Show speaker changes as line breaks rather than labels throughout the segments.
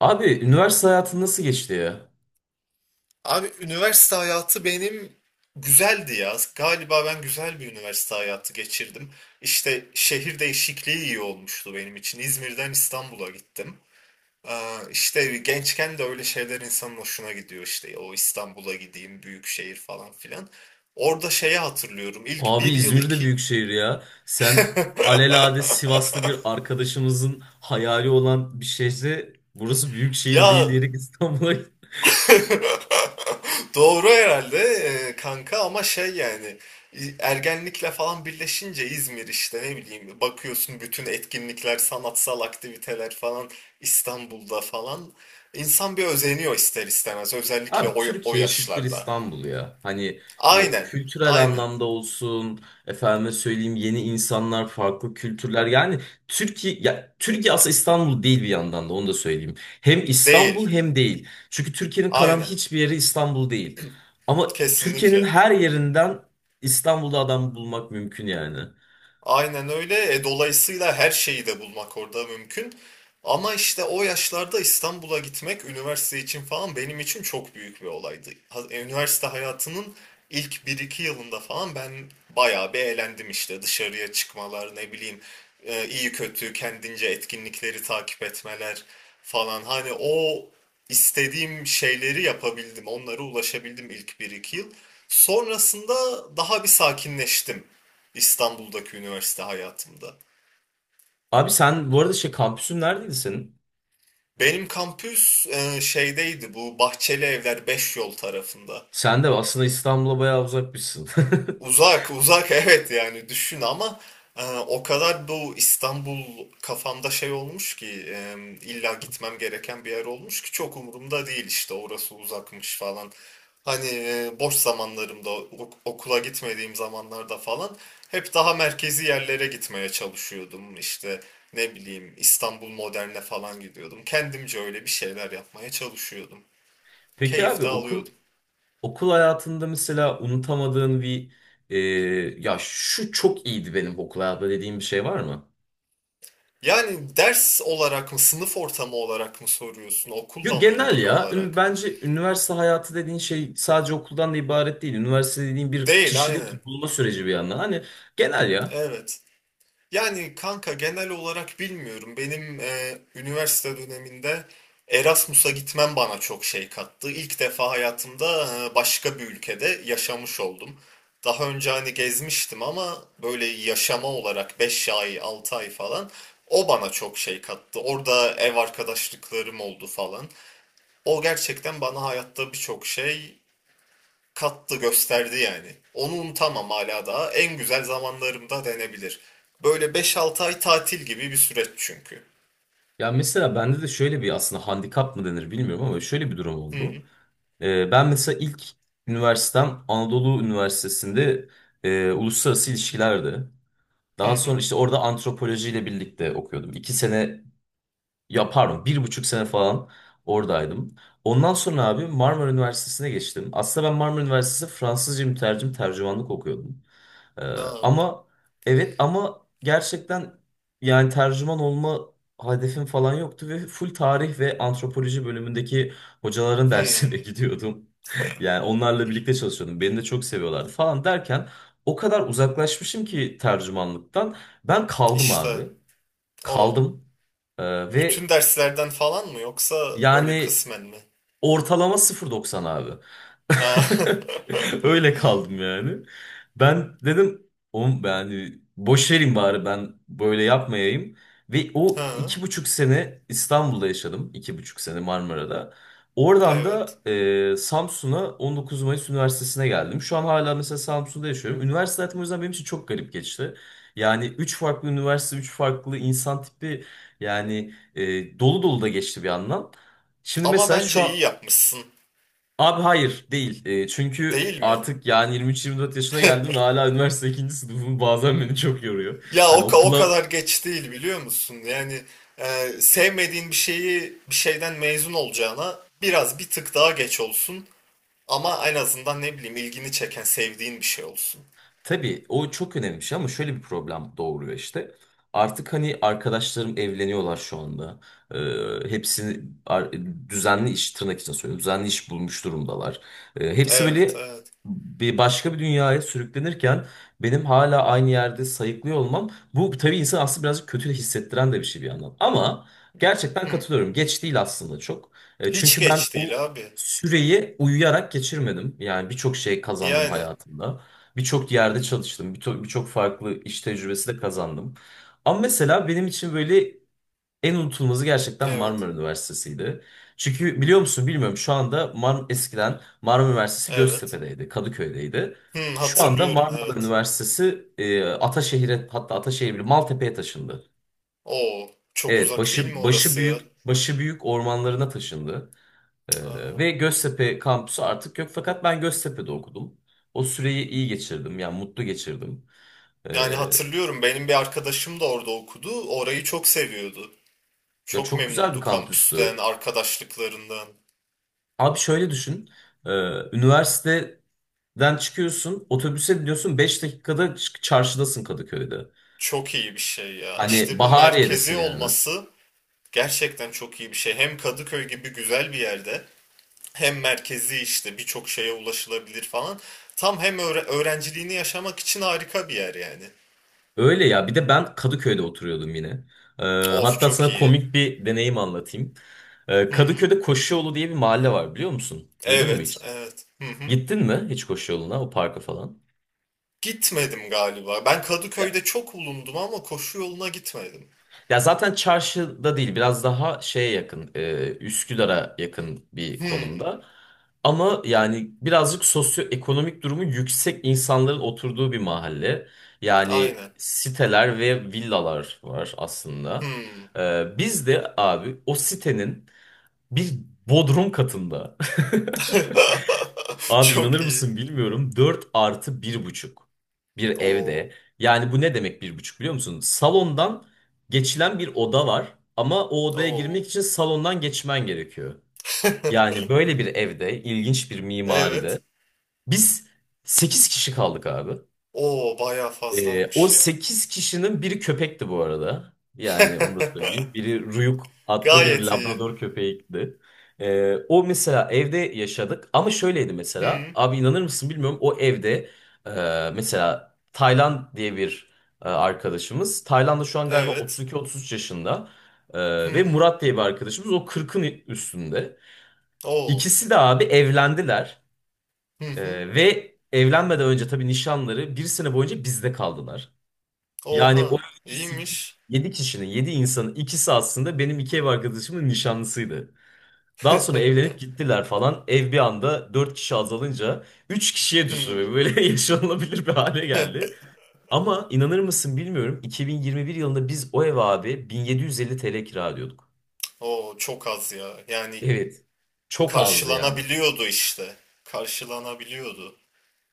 Abi üniversite hayatın nasıl geçti ya?
Abi üniversite hayatı benim güzeldi ya. Galiba ben güzel bir üniversite hayatı geçirdim. İşte şehir değişikliği iyi olmuştu benim için. İzmir'den İstanbul'a gittim. Ee, işte gençken de öyle şeyler insanın hoşuna gidiyor işte. O İstanbul'a gideyim, büyük şehir falan filan. Orada şeyi hatırlıyorum. İlk
Abi
bir yıl
İzmir de
iki.
büyük şehir ya. Sen alelade Sivaslı bir arkadaşımızın hayali olan bir şehri burası büyük
Ya
şehir değil diyerek İstanbul'a.
doğru herhalde kanka ama şey yani ergenlikle falan birleşince İzmir işte ne bileyim bakıyorsun bütün etkinlikler, sanatsal aktiviteler falan İstanbul'da falan insan bir özeniyor ister istemez özellikle
Abi
o
Türkiye eşittir
yaşlarda.
İstanbul ya. Hani
Aynen,
kültürel
aynen.
anlamda olsun, efendime söyleyeyim yeni insanlar, farklı kültürler. Yani Türkiye, ya Türkiye aslında İstanbul değil bir yandan da, onu da söyleyeyim. Hem İstanbul
Değil,
hem değil. Çünkü Türkiye'nin kalan
aynen.
hiçbir yeri İstanbul değil. Ama Türkiye'nin
Kesinlikle.
her yerinden İstanbul'da adam bulmak mümkün yani.
Aynen öyle. Dolayısıyla her şeyi de bulmak orada mümkün. Ama işte o yaşlarda İstanbul'a gitmek üniversite için falan benim için çok büyük bir olaydı. Üniversite hayatının ilk bir iki yılında falan ben bayağı bir eğlendim işte. Dışarıya çıkmalar, ne bileyim iyi kötü kendince etkinlikleri takip etmeler falan. Hani o istediğim şeyleri yapabildim, onlara ulaşabildim ilk bir iki yıl. Sonrasında daha bir sakinleştim. İstanbul'daki üniversite hayatımda.
Abi sen bu arada şey, kampüsün neredeydi senin?
Benim kampüs şeydeydi, bu Bahçeli Evler 5 Yol tarafında.
Sen de aslında İstanbul'a bayağı uzakmışsın.
Uzak, uzak evet yani düşün ama o kadar bu İstanbul kafamda şey olmuş ki illa gitmem gereken bir yer olmuş ki çok umurumda değil işte, orası uzakmış falan. Hani boş zamanlarımda okula gitmediğim zamanlarda falan hep daha merkezi yerlere gitmeye çalışıyordum. İşte ne bileyim İstanbul Modern'e falan gidiyordum. Kendimce öyle bir şeyler yapmaya çalışıyordum.
Peki
Keyif
abi
de
okul
alıyordum.
okul hayatında mesela unutamadığın bir, e, ya şu çok iyiydi benim okul hayatımda dediğin bir şey var mı?
Yani ders olarak mı, sınıf ortamı olarak mı soruyorsun,
Yok,
okulla mı
genel
ilgili
ya.
olarak?
Bence üniversite hayatı dediğin şey sadece okuldan da ibaret değil. Üniversite dediğin bir
Değil, aynen.
kişilik bulma süreci bir yandan. Hani genel ya.
Evet. Yani kanka genel olarak bilmiyorum. Benim üniversite döneminde Erasmus'a gitmem bana çok şey kattı. İlk defa hayatımda başka bir ülkede yaşamış oldum. Daha önce hani gezmiştim ama böyle yaşama olarak 5 ay, 6 ay falan, o bana çok şey kattı. Orada ev arkadaşlıklarım oldu falan. O gerçekten bana hayatta birçok şey kattı, gösterdi yani. Onu unutamam hala daha. En güzel zamanlarımda denebilir. Böyle 5-6 ay tatil gibi bir süreç çünkü.
Ya mesela bende de şöyle bir, aslında handikap mı denir bilmiyorum ama şöyle bir durum oldu.
Hı
Ben mesela ilk üniversitem Anadolu Üniversitesi'nde uluslararası ilişkilerdi.
hı
Daha sonra
hı.
işte orada antropolojiyle birlikte okuyordum. İki sene, ya pardon, bir buçuk sene falan oradaydım. Ondan sonra abi Marmara Üniversitesi'ne geçtim. Aslında ben Marmara Üniversitesi Fransızca mütercim tercümanlık okuyordum. Ee,
Na.
ama evet, ama gerçekten yani tercüman olma hedefim falan yoktu ve full tarih ve antropoloji bölümündeki hocaların
Hı.
dersine gidiyordum. Yani onlarla birlikte çalışıyordum. Beni de çok seviyorlardı falan derken, o kadar uzaklaşmışım ki tercümanlıktan. Ben kaldım
İşte
abi.
o.
Kaldım. Ee,
Bütün
ve
derslerden falan mı yoksa böyle
yani
kısmen mi?
ortalama sıfır doksan abi.
Ha.
Öyle kaldım yani. Ben dedim oğlum yani boş verin, bari ben böyle yapmayayım. Ve o
Ha,
iki buçuk sene İstanbul'da yaşadım, iki buçuk sene Marmara'da. Oradan da
evet.
Samsun'a 19 Mayıs Üniversitesi'ne geldim. Şu an hala mesela Samsun'da yaşıyorum. Üniversite hayatım o yüzden benim için çok garip geçti. Yani üç farklı üniversite, üç farklı insan tipi yani, dolu dolu da geçti bir yandan. Şimdi
Ama
mesela şu
bence
an.
iyi yapmışsın,
Abi hayır değil. Çünkü
değil mi?
artık yani 23-24 yaşına geldim ve hala üniversite ikinci sınıfım bazen beni çok yoruyor.
Ya
Hani
o
okula,
kadar geç değil, biliyor musun? Yani sevmediğin bir şeyi, bir şeyden mezun olacağına biraz bir tık daha geç olsun. Ama en azından ne bileyim ilgini çeken, sevdiğin bir şey olsun.
tabii o çok önemli bir şey ama şöyle bir problem doğuruyor işte. Artık hani arkadaşlarım evleniyorlar şu anda. Ee, hepsini ar- düzenli iş, tırnak için söylüyorum, düzenli iş bulmuş durumdalar. Hepsi
Evet,
böyle
evet.
bir başka bir dünyaya sürüklenirken, benim hala aynı yerde sayıklıyor olmam, bu tabii insan aslında birazcık kötü hissettiren de bir şey bir yandan. Ama gerçekten
Hmm.
katılıyorum. Geç değil aslında çok.
Hiç
Çünkü ben
geç
o
değil abi.
süreyi uyuyarak geçirmedim. Yani birçok şey kazandım
Yani
hayatımda. Birçok yerde çalıştım. Birçok farklı iş tecrübesi de kazandım. Ama mesela benim için böyle en unutulmazı gerçekten
evet,
Marmara Üniversitesi'ydi. Çünkü biliyor musun bilmiyorum, şu anda eskiden Marmara Üniversitesi
evet.
Göztepe'deydi, Kadıköy'deydi. Şu, Evet, anda
Hatırlıyorum,
Marmara
evet.
Üniversitesi Ataşehir'e, hatta Ataşehir bile, Maltepe'ye taşındı.
Oo, çok
Evet,
uzak değil mi
başı başı
orası ya?
büyük başı büyük ormanlarına taşındı.
Cık, aa.
Ve Göztepe kampüsü artık yok, fakat ben Göztepe'de okudum. O süreyi iyi geçirdim, yani mutlu geçirdim.
Yani
Ee,
hatırlıyorum, benim bir arkadaşım da orada okudu. Orayı çok seviyordu.
ya
Çok
çok güzel bir
memnundu kampüsten,
kampüstü.
arkadaşlıklarından.
Abi şöyle düşün. Ee, üniversiteden çıkıyorsun, otobüse biniyorsun, 5 dakikada çarşıdasın Kadıköy'de.
Çok iyi bir şey ya.
Hani
İşte bu merkezi
Bahariye'desin yani.
olması gerçekten çok iyi bir şey. Hem Kadıköy gibi güzel bir yerde hem merkezi, işte birçok şeye ulaşılabilir falan. Tam hem öğrenciliğini yaşamak için harika bir yer yani.
Öyle ya, bir de ben Kadıköy'de oturuyordum yine. Ee,
Of,
hatta
çok
sana
iyi.
komik bir deneyim anlatayım.
Hı hı.
Kadıköy'de Koşuyolu diye bir mahalle var, biliyor musun? Duydun mu
Evet,
hiç?
evet. Hı hı.
Gittin mi hiç koşu yoluna, o parka falan?
Gitmedim galiba. Ben
Ya,
Kadıköy'de çok bulundum ama koşu yoluna gitmedim.
ya zaten çarşıda değil, biraz daha şeye yakın, Üsküdar'a yakın bir
Hı.
konumda. Ama yani birazcık sosyoekonomik durumu yüksek insanların oturduğu bir mahalle. Yani
Aynen.
siteler ve villalar var
Hı.
aslında. Biz de abi o sitenin bir bodrum katında. Abi inanır
Çok iyi.
mısın bilmiyorum, 4 artı bir buçuk bir evde.
Oo.
Yani bu ne demek bir buçuk biliyor musun? Salondan geçilen bir oda var, ama o odaya girmek
Oo.
için salondan geçmen gerekiyor. Yani böyle bir evde, ilginç bir
Evet.
mimaride, biz 8 kişi kaldık abi.
Oo, bayağı
O
fazlaymış ya.
8 kişinin biri köpekti bu arada. Yani onu da söyleyeyim. Biri Ruyuk adlı bir
Gayet iyi.
Labrador köpeğiydi. O mesela evde yaşadık, ama şöyleydi mesela.
Hı,
Abi inanır mısın bilmiyorum, o evde mesela Taylan diye bir arkadaşımız. Taylan da şu an galiba
evet.
32-33 yaşında. Ve
Hı,
Murat diye bir arkadaşımız, o 40'ın üstünde.
oo.
İkisi de abi evlendiler.
Hı hı.
Ve evlenmeden önce tabii nişanları bir sene boyunca bizde kaldılar. Yani o
Oha.
iki, sekiz,
İyiymiş.
yedi kişinin, yedi insanın ikisi aslında benim iki ev arkadaşımın nişanlısıydı. Daha sonra evlenip gittiler falan. Ev bir anda dört kişi azalınca üç kişiye düştü. Ve
Hı.
böyle yaşanılabilir bir hale geldi. Ama inanır mısın bilmiyorum, 2021 yılında biz o ev abi 1750 TL kira ödüyorduk.
Oo, çok az ya. Yani
Evet. Çok azdı yani.
karşılanabiliyordu işte. Karşılanabiliyordu.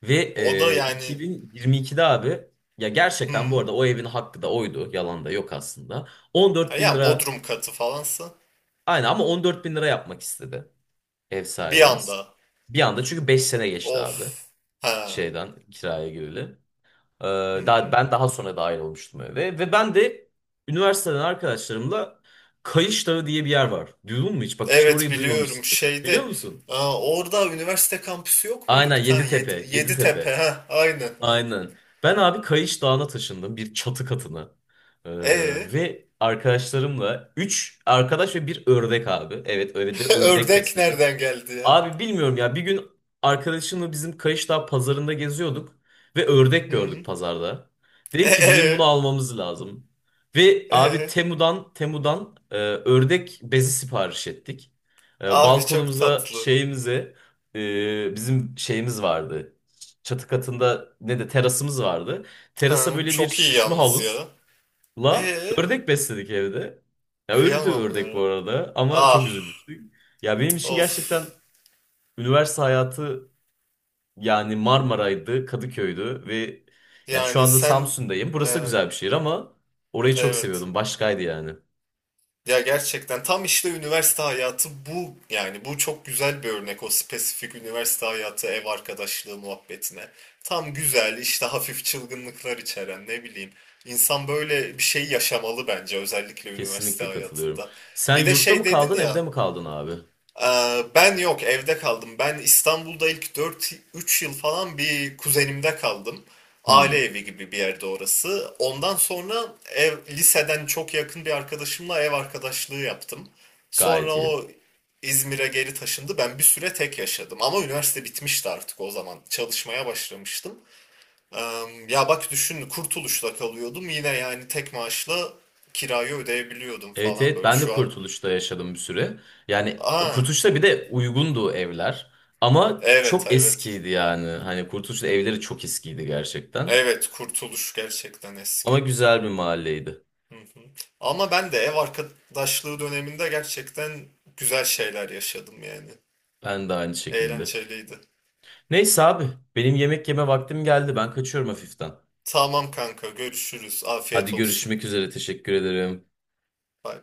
Ve
O da yani,
2022'de abi, ya gerçekten bu
hı.
arada o evin hakkı da oydu, yalan da yok aslında. 14 bin
Ya
lira.
Bodrum katı falansa
Aynen, ama 14 bin lira yapmak istedi ev
bir
sahibimiz.
anda.
Bir anda, çünkü 5 sene geçti abi
Of. Ha.
şeyden kiraya gireli. Ee,
Hı hı.
ben daha sonra dahil olmuştum eve, ve ben de üniversiteden arkadaşlarımla Kayış Dağı diye bir yer var. Duydun mu hiç? Bak işte
Evet,
orayı
biliyorum
duymamışsındır. Biliyor
şeyde,
musun?
orada üniversite kampüsü yok muydu
Aynen,
bir tane?
Yeditepe,
Yeditepe,
Yeditepe.
ha aynen, aynen.
Aynen. Ben abi Kayış Dağı'na taşındım, bir çatı katına. Ee,
E
ve arkadaşlarımla, 3 arkadaş ve bir ördek abi. Evet, öyle de ördek
ördek
besledik.
nereden geldi ya?
Abi bilmiyorum ya, bir gün arkadaşımla bizim Kayışdağ pazarında geziyorduk ve ördek gördük
Hı.
pazarda.
E,
Dedik ki
e,
bizim bunu almamız lazım. Ve abi
e.
Temu'dan ördek bezi sipariş ettik.
Abi çok
Balkonumuza,
tatlı.
şeyimize, bizim şeyimiz vardı. Çatı katında ne de terasımız vardı.
Ha,
Terasa böyle bir
çok iyi
şişme
yalnız
havuzla
ya. E
ördek besledik evde. Ya öldü
Kıyamam
ördek bu
ya.
arada, ama çok
Ah,
üzülmüştük. Ya benim için
of,
gerçekten üniversite hayatı yani Marmara'ydı, Kadıköy'dü ve ya şu
yani
anda
sen
Samsun'dayım. Burası da
e,
güzel bir şehir, ama orayı çok
evet.
seviyordum. Başkaydı yani.
Ya gerçekten tam işte üniversite hayatı bu, yani bu çok güzel bir örnek o spesifik üniversite hayatı, ev arkadaşlığı muhabbetine. Tam güzel işte, hafif çılgınlıklar içeren, ne bileyim. İnsan böyle bir şey yaşamalı bence, özellikle üniversite
Kesinlikle katılıyorum.
hayatında.
Sen
Bir de
yurtta
şey
mı
dedin
kaldın, evde
ya,
mi kaldın abi?
ben yok, evde kaldım. Ben İstanbul'da ilk 4-3 yıl falan bir kuzenimde kaldım. Aile
Hmm,
evi gibi bir yerde orası. Ondan sonra liseden çok yakın bir arkadaşımla ev arkadaşlığı yaptım.
gayet
Sonra
iyi.
o İzmir'e geri taşındı. Ben bir süre tek yaşadım. Ama üniversite bitmişti artık o zaman. Çalışmaya başlamıştım. Ee, Ya bak düşün, Kurtuluş'ta kalıyordum. Yine yani tek maaşla kirayı ödeyebiliyordum
Evet,
falan
evet,
böyle.
ben de
Şu an.
Kurtuluş'ta yaşadım bir süre. Yani
Aa,
Kurtuluş'ta bir de uygundu evler. Ama
evet,
çok
evet.
eskiydi yani. Hani Kurtuluş'ta evleri çok eskiydi gerçekten.
Evet, Kurtuluş gerçekten
Ama
eski.
güzel bir mahalleydi.
Hı hı. Ama ben de ev arkadaşlığı döneminde gerçekten güzel şeyler yaşadım yani.
Ben de aynı şekilde.
Eğlenceliydi.
Neyse abi, benim yemek yeme vaktim geldi. Ben kaçıyorum hafiften.
Tamam kanka, görüşürüz. Afiyet
Hadi
olsun.
görüşmek üzere. Teşekkür ederim.
Bay bay.